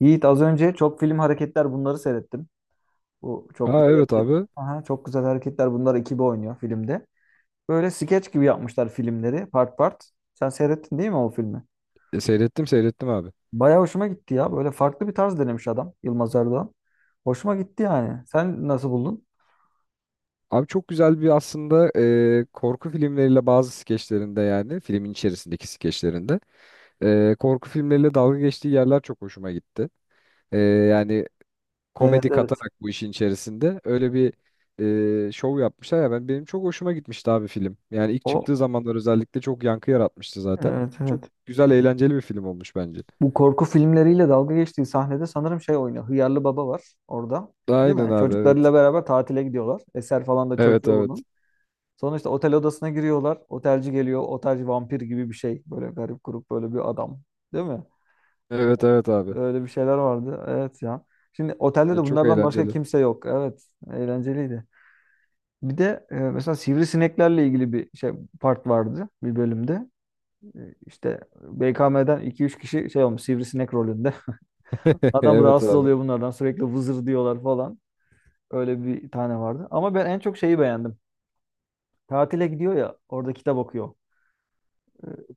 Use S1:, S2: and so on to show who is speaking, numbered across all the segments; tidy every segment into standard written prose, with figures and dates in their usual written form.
S1: Yiğit az önce çok film hareketler bunları seyrettim. Bu çok
S2: Aa
S1: güzel
S2: evet
S1: hareket.
S2: abi.
S1: Aha, çok güzel hareketler bunlar ekibi oynuyor filmde. Böyle skeç gibi yapmışlar filmleri part part. Sen seyrettin değil mi o filmi?
S2: Seyrettim seyrettim abi.
S1: Bayağı hoşuma gitti ya. Böyle farklı bir tarz denemiş adam Yılmaz Erdoğan. Hoşuma gitti yani. Sen nasıl buldun?
S2: Abi çok güzel bir aslında korku filmleriyle bazı skeçlerinde yani filmin içerisindeki skeçlerinde korku filmleriyle dalga geçtiği yerler çok hoşuma gitti. Yani
S1: Evet,
S2: komedi
S1: evet.
S2: katarak bu işin içerisinde öyle bir şov yapmışlar ya benim çok hoşuma gitmişti abi film. Yani ilk
S1: O
S2: çıktığı zamanlar özellikle çok yankı yaratmıştı zaten.
S1: evet,
S2: Çok
S1: evet.
S2: güzel eğlenceli bir film olmuş bence.
S1: Bu korku filmleriyle dalga geçtiği sahnede sanırım şey oynuyor. Hıyarlı Baba var orada. Değil
S2: Aynen
S1: mi?
S2: abi, evet.
S1: Çocuklarıyla beraber tatile gidiyorlar. Eser falan da çocuğu
S2: Evet, evet.
S1: bunun. Sonra işte otel odasına giriyorlar. Otelci geliyor. Otelci vampir gibi bir şey. Böyle garip grup böyle bir adam. Değil mi?
S2: Evet, evet abi.
S1: Öyle bir şeyler vardı. Evet ya. Şimdi otelde
S2: Ya
S1: de
S2: çok
S1: bunlardan başka
S2: eğlenceli.
S1: kimse yok. Evet. Eğlenceliydi. Bir de mesela sivrisineklerle ilgili bir şey part vardı bir bölümde. İşte BKM'den iki üç kişi şey olmuş sivrisinek rolünde. Adam
S2: Evet
S1: rahatsız
S2: abi.
S1: oluyor bunlardan. Sürekli vızır diyorlar falan. Öyle bir tane vardı. Ama ben en çok şeyi beğendim. Tatile gidiyor ya orada kitap okuyor.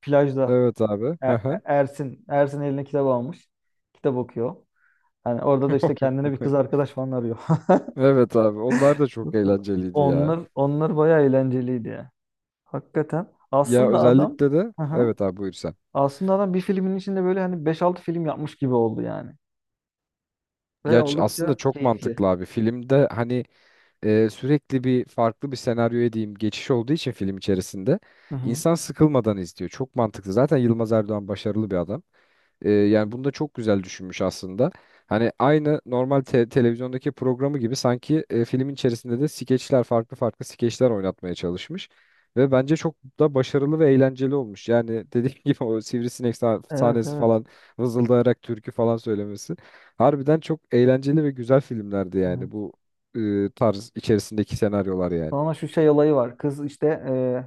S1: Plajda.
S2: Evet abi. Hı hı.
S1: Ersin, Ersin eline kitap almış. Kitap okuyor. Yani orada da işte kendine bir kız arkadaş falan arıyor.
S2: Evet abi. Onlar da çok eğlenceliydi ya.
S1: Onlar bayağı eğlenceliydi ya. Hakikaten.
S2: Ya
S1: Aslında adam
S2: özellikle de
S1: hı hı.
S2: evet abi, buyur sen.
S1: Aslında adam bir filmin içinde böyle hani beş altı film yapmış gibi oldu yani.
S2: Ya
S1: Ve
S2: aslında
S1: oldukça
S2: çok
S1: keyifli.
S2: mantıklı abi. Filmde hani sürekli bir farklı bir senaryoya diyeyim geçiş olduğu için film içerisinde
S1: Hı hı.
S2: insan sıkılmadan izliyor. Çok mantıklı. Zaten Yılmaz Erdoğan başarılı bir adam. Yani bunu da çok güzel düşünmüş aslında. Hani aynı normal televizyondaki programı gibi sanki filmin içerisinde de skeçler farklı farklı skeçler oynatmaya çalışmış. Ve bence çok da başarılı ve eğlenceli olmuş. Yani dediğim gibi o sivrisinek
S1: Evet,
S2: sahnesi
S1: evet.
S2: falan vızıldayarak türkü falan söylemesi. Harbiden çok eğlenceli ve güzel filmlerdi
S1: Evet.
S2: yani bu tarz içerisindeki senaryolar yani.
S1: Sonra şu şey olayı var. Kız işte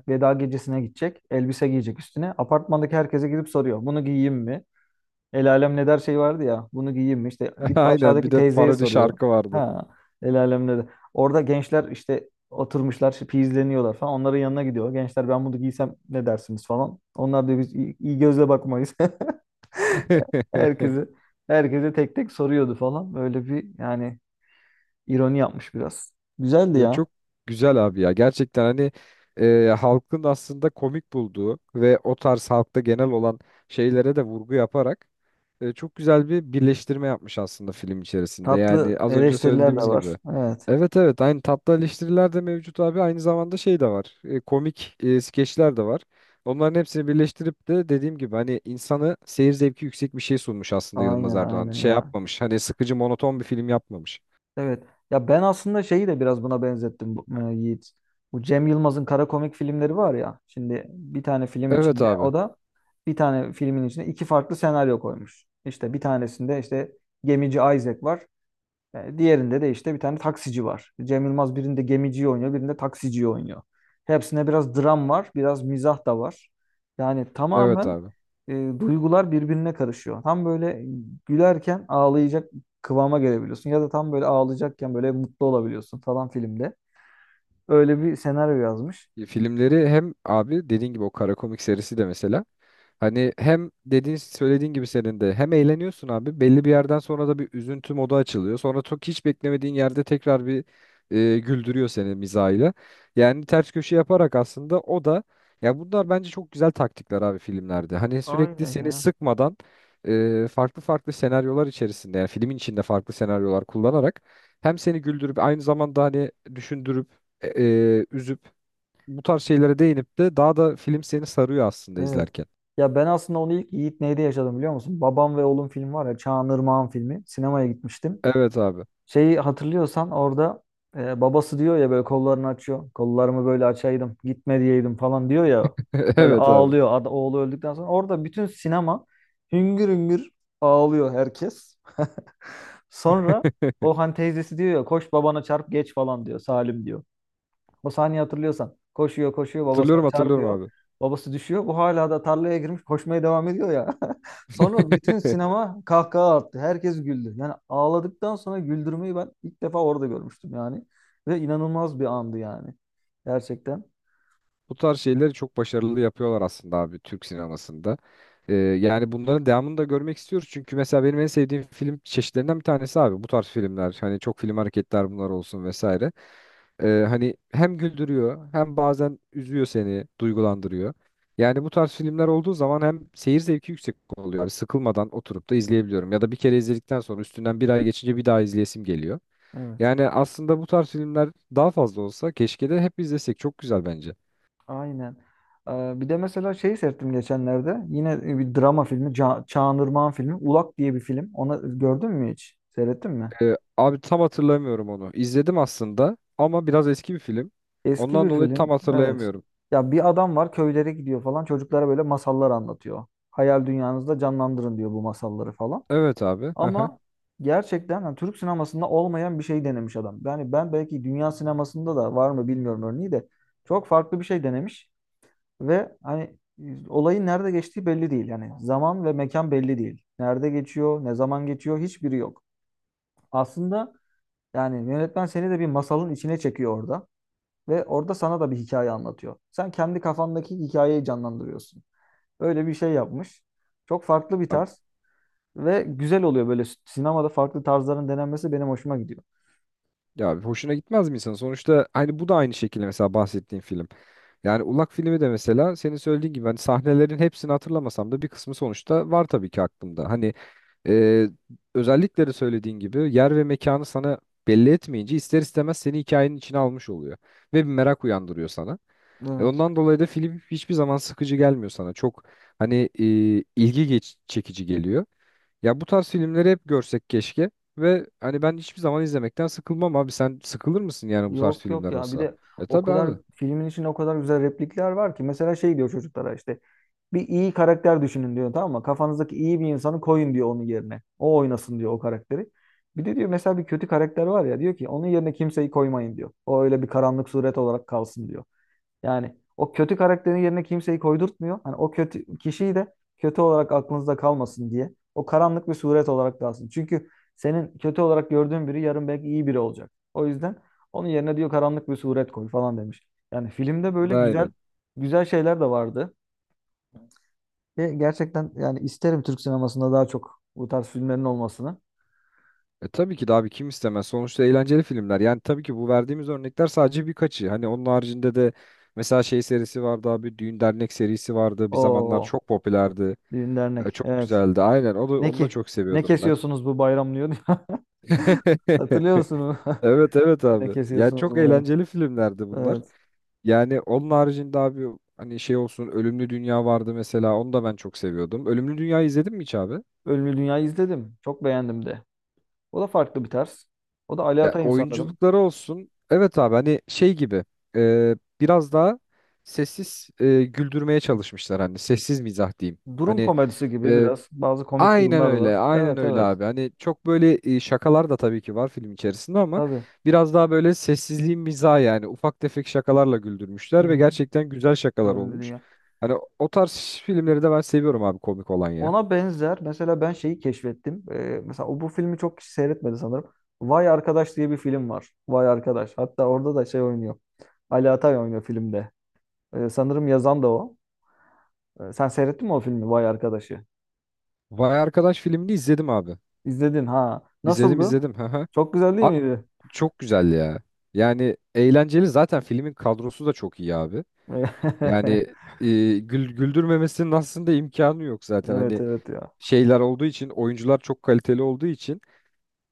S1: veda gecesine gidecek. Elbise giyecek üstüne. Apartmandaki herkese gidip soruyor. Bunu giyeyim mi? El alem ne der şey vardı ya. Bunu giyeyim mi? İşte gidip
S2: Aynen, bir
S1: aşağıdaki
S2: de
S1: teyzeye
S2: parodi
S1: soruyor.
S2: şarkı vardı.
S1: Ha, el alem ne der. Orada gençler işte oturmuşlar, işte izleniyorlar falan. Onların yanına gidiyor. Gençler ben bunu giysem ne dersiniz falan. Onlar da biz iyi, iyi gözle bakmayız. Herkese, herkese tek tek soruyordu falan. Böyle bir yani ironi yapmış biraz. Güzeldi
S2: Ya
S1: ya.
S2: çok güzel abi ya. Gerçekten hani halkın aslında komik bulduğu ve o tarz halkta genel olan şeylere de vurgu yaparak çok güzel bir birleştirme yapmış aslında film içerisinde. Yani
S1: Tatlı
S2: az önce
S1: eleştiriler de
S2: söylediğimiz
S1: var.
S2: gibi.
S1: Evet.
S2: Evet, evet aynı tatlı eleştiriler de mevcut abi. Aynı zamanda şey de var. Komik skeçler de var. Onların hepsini birleştirip de dediğim gibi hani insanı seyir zevki yüksek bir şey sunmuş aslında Yılmaz
S1: Aynen,
S2: Erdoğan.
S1: aynen
S2: Şey
S1: ya.
S2: yapmamış. Hani sıkıcı monoton bir film yapmamış.
S1: Evet. Ya ben aslında şeyi de biraz buna benzettim Yiğit. Bu Cem Yılmaz'ın kara komik filmleri var ya. Şimdi bir tane film
S2: Evet
S1: içinde o
S2: abi.
S1: da bir tane filmin içine iki farklı senaryo koymuş. İşte bir tanesinde işte gemici Isaac var. Diğerinde de işte bir tane taksici var. Cem Yılmaz birinde gemiciyi oynuyor, birinde taksiciyi oynuyor. Hepsinde biraz dram var, biraz mizah da var. Yani
S2: Evet
S1: tamamen
S2: abi.
S1: e, duygular birbirine karışıyor. Tam böyle gülerken ağlayacak kıvama gelebiliyorsun ya da tam böyle ağlayacakken böyle mutlu olabiliyorsun falan filmde. Öyle bir senaryo yazmış.
S2: Filmleri hem abi dediğin gibi o kara komik serisi de mesela hani hem söylediğin gibi senin de hem eğleniyorsun abi belli bir yerden sonra da bir üzüntü modu açılıyor. Sonra çok hiç beklemediğin yerde tekrar bir güldürüyor seni mizahıyla. Yani ters köşe yaparak aslında o da, ya bunlar bence çok güzel taktikler abi filmlerde. Hani sürekli
S1: Aynen
S2: seni
S1: ya.
S2: sıkmadan farklı farklı senaryolar içerisinde yani filmin içinde farklı senaryolar kullanarak hem seni güldürüp aynı zamanda hani düşündürüp üzüp bu tarz şeylere değinip de daha da film seni sarıyor aslında
S1: Evet.
S2: izlerken.
S1: Ya ben aslında onu ilk Yiğit Ney'de yaşadım biliyor musun? Babam ve Oğlum film var ya Çağan Irmak'ın filmi. Sinemaya gitmiştim.
S2: Evet abi.
S1: Şeyi hatırlıyorsan orada babası diyor ya böyle kollarını açıyor. Kollarımı böyle açaydım, gitme diyeydim falan diyor ya. Böyle
S2: Evet abi.
S1: ağlıyor. Oğlu öldükten sonra orada bütün sinema hüngür hüngür ağlıyor herkes. Sonra o hani teyzesi diyor ya koş babana çarp geç falan diyor. Salim diyor. O sahneyi hatırlıyorsan. Koşuyor koşuyor babasına
S2: Hatırlıyorum hatırlıyorum
S1: çarpıyor.
S2: abi.
S1: Babası düşüyor. Bu hala da tarlaya girmiş koşmaya devam ediyor ya. Sonra bütün sinema kahkaha attı. Herkes güldü. Yani ağladıktan sonra güldürmeyi ben ilk defa orada görmüştüm yani. Ve inanılmaz bir andı yani. Gerçekten.
S2: Bu tarz şeyleri çok başarılı yapıyorlar aslında abi Türk sinemasında. Yani bunların devamını da görmek istiyoruz. Çünkü mesela benim en sevdiğim film çeşitlerinden bir tanesi abi bu tarz filmler. Hani çok film hareketler bunlar olsun vesaire. Hani hem güldürüyor hem bazen üzüyor seni, duygulandırıyor. Yani bu tarz filmler olduğu zaman hem seyir zevki yüksek oluyor. Abi sıkılmadan oturup da izleyebiliyorum. Ya da bir kere izledikten sonra üstünden bir ay geçince bir daha izleyesim geliyor.
S1: Evet.
S2: Yani aslında bu tarz filmler daha fazla olsa keşke de hep izlesek. Çok güzel bence.
S1: Aynen. Bir de mesela şeyi seyrettim geçenlerde. Yine bir drama filmi. Çağan Irmak'ın filmi. Ulak diye bir film. Ona gördün mü hiç? Seyrettin mi?
S2: Abi tam hatırlamıyorum onu. İzledim aslında ama biraz eski bir film.
S1: Eski
S2: Ondan
S1: bir
S2: dolayı tam
S1: film. Evet.
S2: hatırlayamıyorum.
S1: Ya bir adam var köylere gidiyor falan. Çocuklara böyle masallar anlatıyor. Hayal dünyanızda canlandırın diyor bu masalları falan.
S2: Evet abi. Hı hı.
S1: Ama gerçekten hani Türk sinemasında olmayan bir şey denemiş adam. Yani ben belki dünya sinemasında da var mı bilmiyorum örneği de çok farklı bir şey denemiş ve hani olayın nerede geçtiği belli değil. Yani zaman ve mekan belli değil. Nerede geçiyor, ne zaman geçiyor hiçbiri yok. Aslında yani yönetmen seni de bir masalın içine çekiyor orada. Ve orada sana da bir hikaye anlatıyor. Sen kendi kafandaki hikayeyi canlandırıyorsun. Öyle bir şey yapmış. Çok farklı bir
S2: Abi-
S1: tarz ve güzel oluyor böyle sinemada farklı tarzların denenmesi benim hoşuma gidiyor.
S2: Ya abi, hoşuna gitmez mi insan? Sonuçta hani bu da aynı şekilde mesela bahsettiğin film. Yani Ulak filmi de mesela senin söylediğin gibi hani sahnelerin hepsini hatırlamasam da bir kısmı sonuçta var tabii ki aklımda. Hani Ee, özellikleri söylediğin gibi yer ve mekanı sana belli etmeyince ister istemez seni hikayenin içine almış oluyor ve bir merak uyandırıyor sana.
S1: Evet.
S2: Ondan dolayı da film hiçbir zaman sıkıcı gelmiyor sana. Çok hani çekici geliyor. Ya bu tarz filmleri hep görsek keşke ve hani ben hiçbir zaman izlemekten sıkılmam abi. Sen sıkılır mısın yani bu tarz
S1: Yok, yok
S2: filmler
S1: ya bir
S2: olsa?
S1: de
S2: E
S1: o
S2: tabii
S1: kadar
S2: abi.
S1: filmin içinde o kadar güzel replikler var ki mesela şey diyor çocuklara işte bir iyi karakter düşünün diyor tamam mı? Kafanızdaki iyi bir insanı koyun diyor onun yerine. O oynasın diyor o karakteri. Bir de diyor mesela bir kötü karakter var ya diyor ki onun yerine kimseyi koymayın diyor. O öyle bir karanlık suret olarak kalsın diyor. Yani o kötü karakterin yerine kimseyi koydurtmuyor. Hani o kötü kişiyi de kötü olarak aklınızda kalmasın diye. O karanlık bir suret olarak kalsın. Çünkü senin kötü olarak gördüğün biri yarın belki iyi biri olacak. O yüzden onun yerine diyor karanlık bir suret koy falan demiş. Yani filmde böyle güzel
S2: Aynen.
S1: güzel şeyler de vardı. Ve gerçekten yani isterim Türk sinemasında daha çok bu tarz filmlerin olmasını.
S2: E tabii ki de abi, kim istemez. Sonuçta eğlenceli filmler. Yani tabii ki bu verdiğimiz örnekler sadece birkaçı. Hani onun haricinde de mesela şey serisi vardı abi. Düğün Dernek serisi vardı. Bir zamanlar
S1: O
S2: çok popülerdi.
S1: düğün dernek.
S2: Çok
S1: Evet.
S2: güzeldi. Aynen.
S1: Ne
S2: Onu da
S1: ki?
S2: çok
S1: Ne
S2: seviyordum ben.
S1: kesiyorsunuz bu bayram diyor. Hatırlıyor musunuz?
S2: Evet, evet
S1: Ne
S2: abi. Yani
S1: kesiyorsunuz
S2: çok
S1: bu bayram?
S2: eğlenceli filmlerdi bunlar.
S1: Evet.
S2: Yani onun haricinde abi hani şey olsun Ölümlü Dünya vardı mesela. Onu da ben çok seviyordum. Ölümlü Dünya'yı izledin mi hiç abi?
S1: Ölümlü Dünya'yı izledim. Çok beğendim de. O da farklı bir tarz. O da Ali
S2: Ya
S1: Atay'ın sanırım.
S2: oyunculukları olsun. Evet abi hani şey gibi e, biraz daha sessiz güldürmeye çalışmışlar, hani sessiz mizah diyeyim.
S1: Durum
S2: Hani
S1: komedisi gibi
S2: e,
S1: biraz. Bazı komik
S2: aynen
S1: durumlar var.
S2: öyle, aynen
S1: Evet,
S2: öyle
S1: evet.
S2: abi. Hani çok böyle şakalar da tabii ki var film içerisinde ama
S1: Tabii.
S2: biraz daha böyle sessizliğin mizahı yani ufak tefek şakalarla
S1: Hı
S2: güldürmüşler ve
S1: hı.
S2: gerçekten güzel şakalar
S1: Ölümlü
S2: olmuş.
S1: Dünya.
S2: Hani o tarz filmleri de ben seviyorum abi, komik olan ya.
S1: Ona benzer. Mesela ben şeyi keşfettim. Mesela o bu filmi çok kişi seyretmedi sanırım. Vay Arkadaş diye bir film var. Vay Arkadaş. Hatta orada da şey oynuyor. Ali Atay oynuyor filmde. Sanırım yazan da o. Sen seyrettin mi o filmi Vay Arkadaş'ı?
S2: Vay Arkadaş filmini izledim abi.
S1: İzledin ha.
S2: İzledim,
S1: Nasıldı?
S2: izledim. Hı hı.
S1: Çok güzel değil miydi?
S2: Çok güzel ya. Yani eğlenceli, zaten filmin kadrosu da çok iyi abi. Yani güldürmemesinin aslında imkanı yok zaten.
S1: Evet,
S2: Hani
S1: evet ya.
S2: şeyler olduğu için, oyuncular çok kaliteli olduğu için.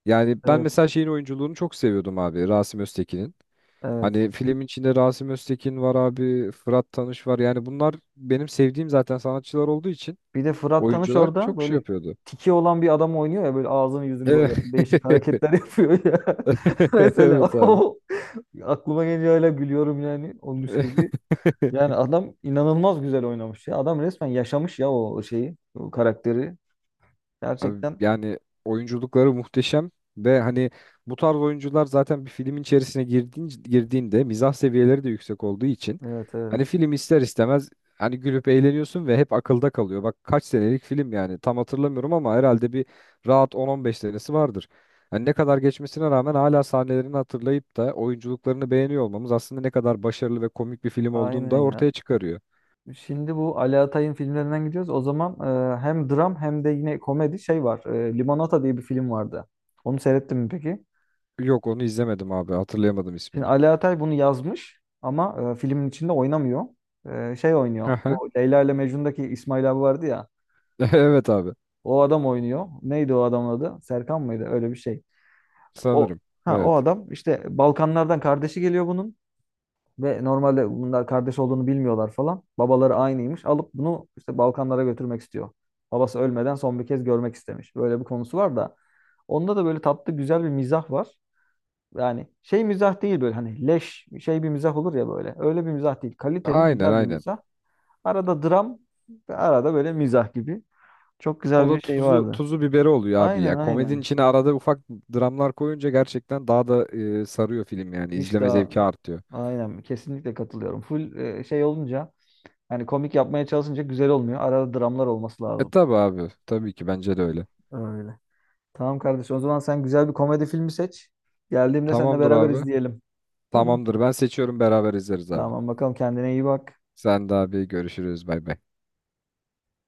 S2: Yani ben
S1: Evet,
S2: mesela şeyin oyunculuğunu çok seviyordum abi, Rasim Öztekin'in.
S1: evet.
S2: Hani filmin içinde Rasim Öztekin var abi, Fırat Tanış var. Yani bunlar benim sevdiğim zaten sanatçılar olduğu için
S1: Bir de Fırat Tanış
S2: oyuncular
S1: orada
S2: çok şey
S1: böyle
S2: yapıyordu.
S1: tiki olan bir adam oynuyor ya böyle ağzını yüzünü böyle
S2: Evet.
S1: değişik hareketler yapıyor ya. Mesela
S2: Evet abi.
S1: o aklıma geliyor öyle gülüyorum yani onun şeydi. Yani adam inanılmaz güzel oynamış ya. Adam resmen yaşamış ya o şeyi, o karakteri.
S2: Abi
S1: Gerçekten
S2: yani oyunculukları muhteşem ve hani bu tarz oyuncular zaten bir filmin içerisine girdiğinde mizah seviyeleri de yüksek olduğu için
S1: evet,
S2: hani
S1: evet.
S2: film ister istemez hani gülüp eğleniyorsun ve hep akılda kalıyor. Bak kaç senelik film yani tam hatırlamıyorum ama herhalde bir rahat 10-15 senesi vardır. Hani ne kadar geçmesine rağmen hala sahnelerini hatırlayıp da oyunculuklarını beğeniyor olmamız aslında ne kadar başarılı ve komik bir film olduğunu
S1: Aynen
S2: da
S1: ya.
S2: ortaya çıkarıyor.
S1: Şimdi bu Ali Atay'ın filmlerinden gidiyoruz. O zaman hem dram hem de yine komedi şey var. Limonata diye bir film vardı. Onu seyrettin mi peki?
S2: Yok, onu izlemedim abi, hatırlayamadım
S1: Şimdi
S2: ismini.
S1: Ali Atay bunu yazmış ama filmin içinde oynamıyor. Şey oynuyor.
S2: Aha.
S1: Bu Leyla ile Mecnun'daki İsmail abi vardı ya.
S2: Evet abi.
S1: O adam oynuyor. Neydi o adamın adı? Serkan mıydı? Öyle bir şey. O
S2: Sanırım.
S1: ha o
S2: Evet.
S1: adam işte Balkanlardan kardeşi geliyor bunun ve normalde bunlar kardeş olduğunu bilmiyorlar falan. Babaları aynıymış. Alıp bunu işte Balkanlara götürmek istiyor. Babası ölmeden son bir kez görmek istemiş. Böyle bir konusu var da onda da böyle tatlı güzel bir mizah var. Yani şey mizah değil böyle hani leş şey bir mizah olur ya böyle. Öyle bir mizah değil. Kaliteli
S2: Aynen,
S1: güzel bir
S2: aynen.
S1: mizah. Arada dram ve arada böyle mizah gibi. Çok
S2: O
S1: güzel
S2: da
S1: bir şey vardı.
S2: tuzu biberi oluyor abi
S1: Aynen,
S2: ya. Komedinin
S1: aynen.
S2: içine arada ufak dramlar koyunca gerçekten daha da sarıyor film yani.
S1: Hiç
S2: İzleme
S1: daha
S2: zevki artıyor.
S1: aynen kesinlikle katılıyorum. Full şey olunca yani komik yapmaya çalışınca güzel olmuyor. Arada dramlar olması
S2: E
S1: lazım.
S2: tabi abi. Tabii ki bence de öyle.
S1: Öyle. Tamam kardeşim o zaman sen güzel bir komedi filmi seç. Geldiğimde seninle
S2: Tamamdır
S1: beraber
S2: abi.
S1: izleyelim. Tamam.
S2: Tamamdır. Ben seçiyorum, beraber izleriz abi.
S1: Tamam bakalım kendine iyi bak.
S2: Sen de abi, görüşürüz. Bay bay.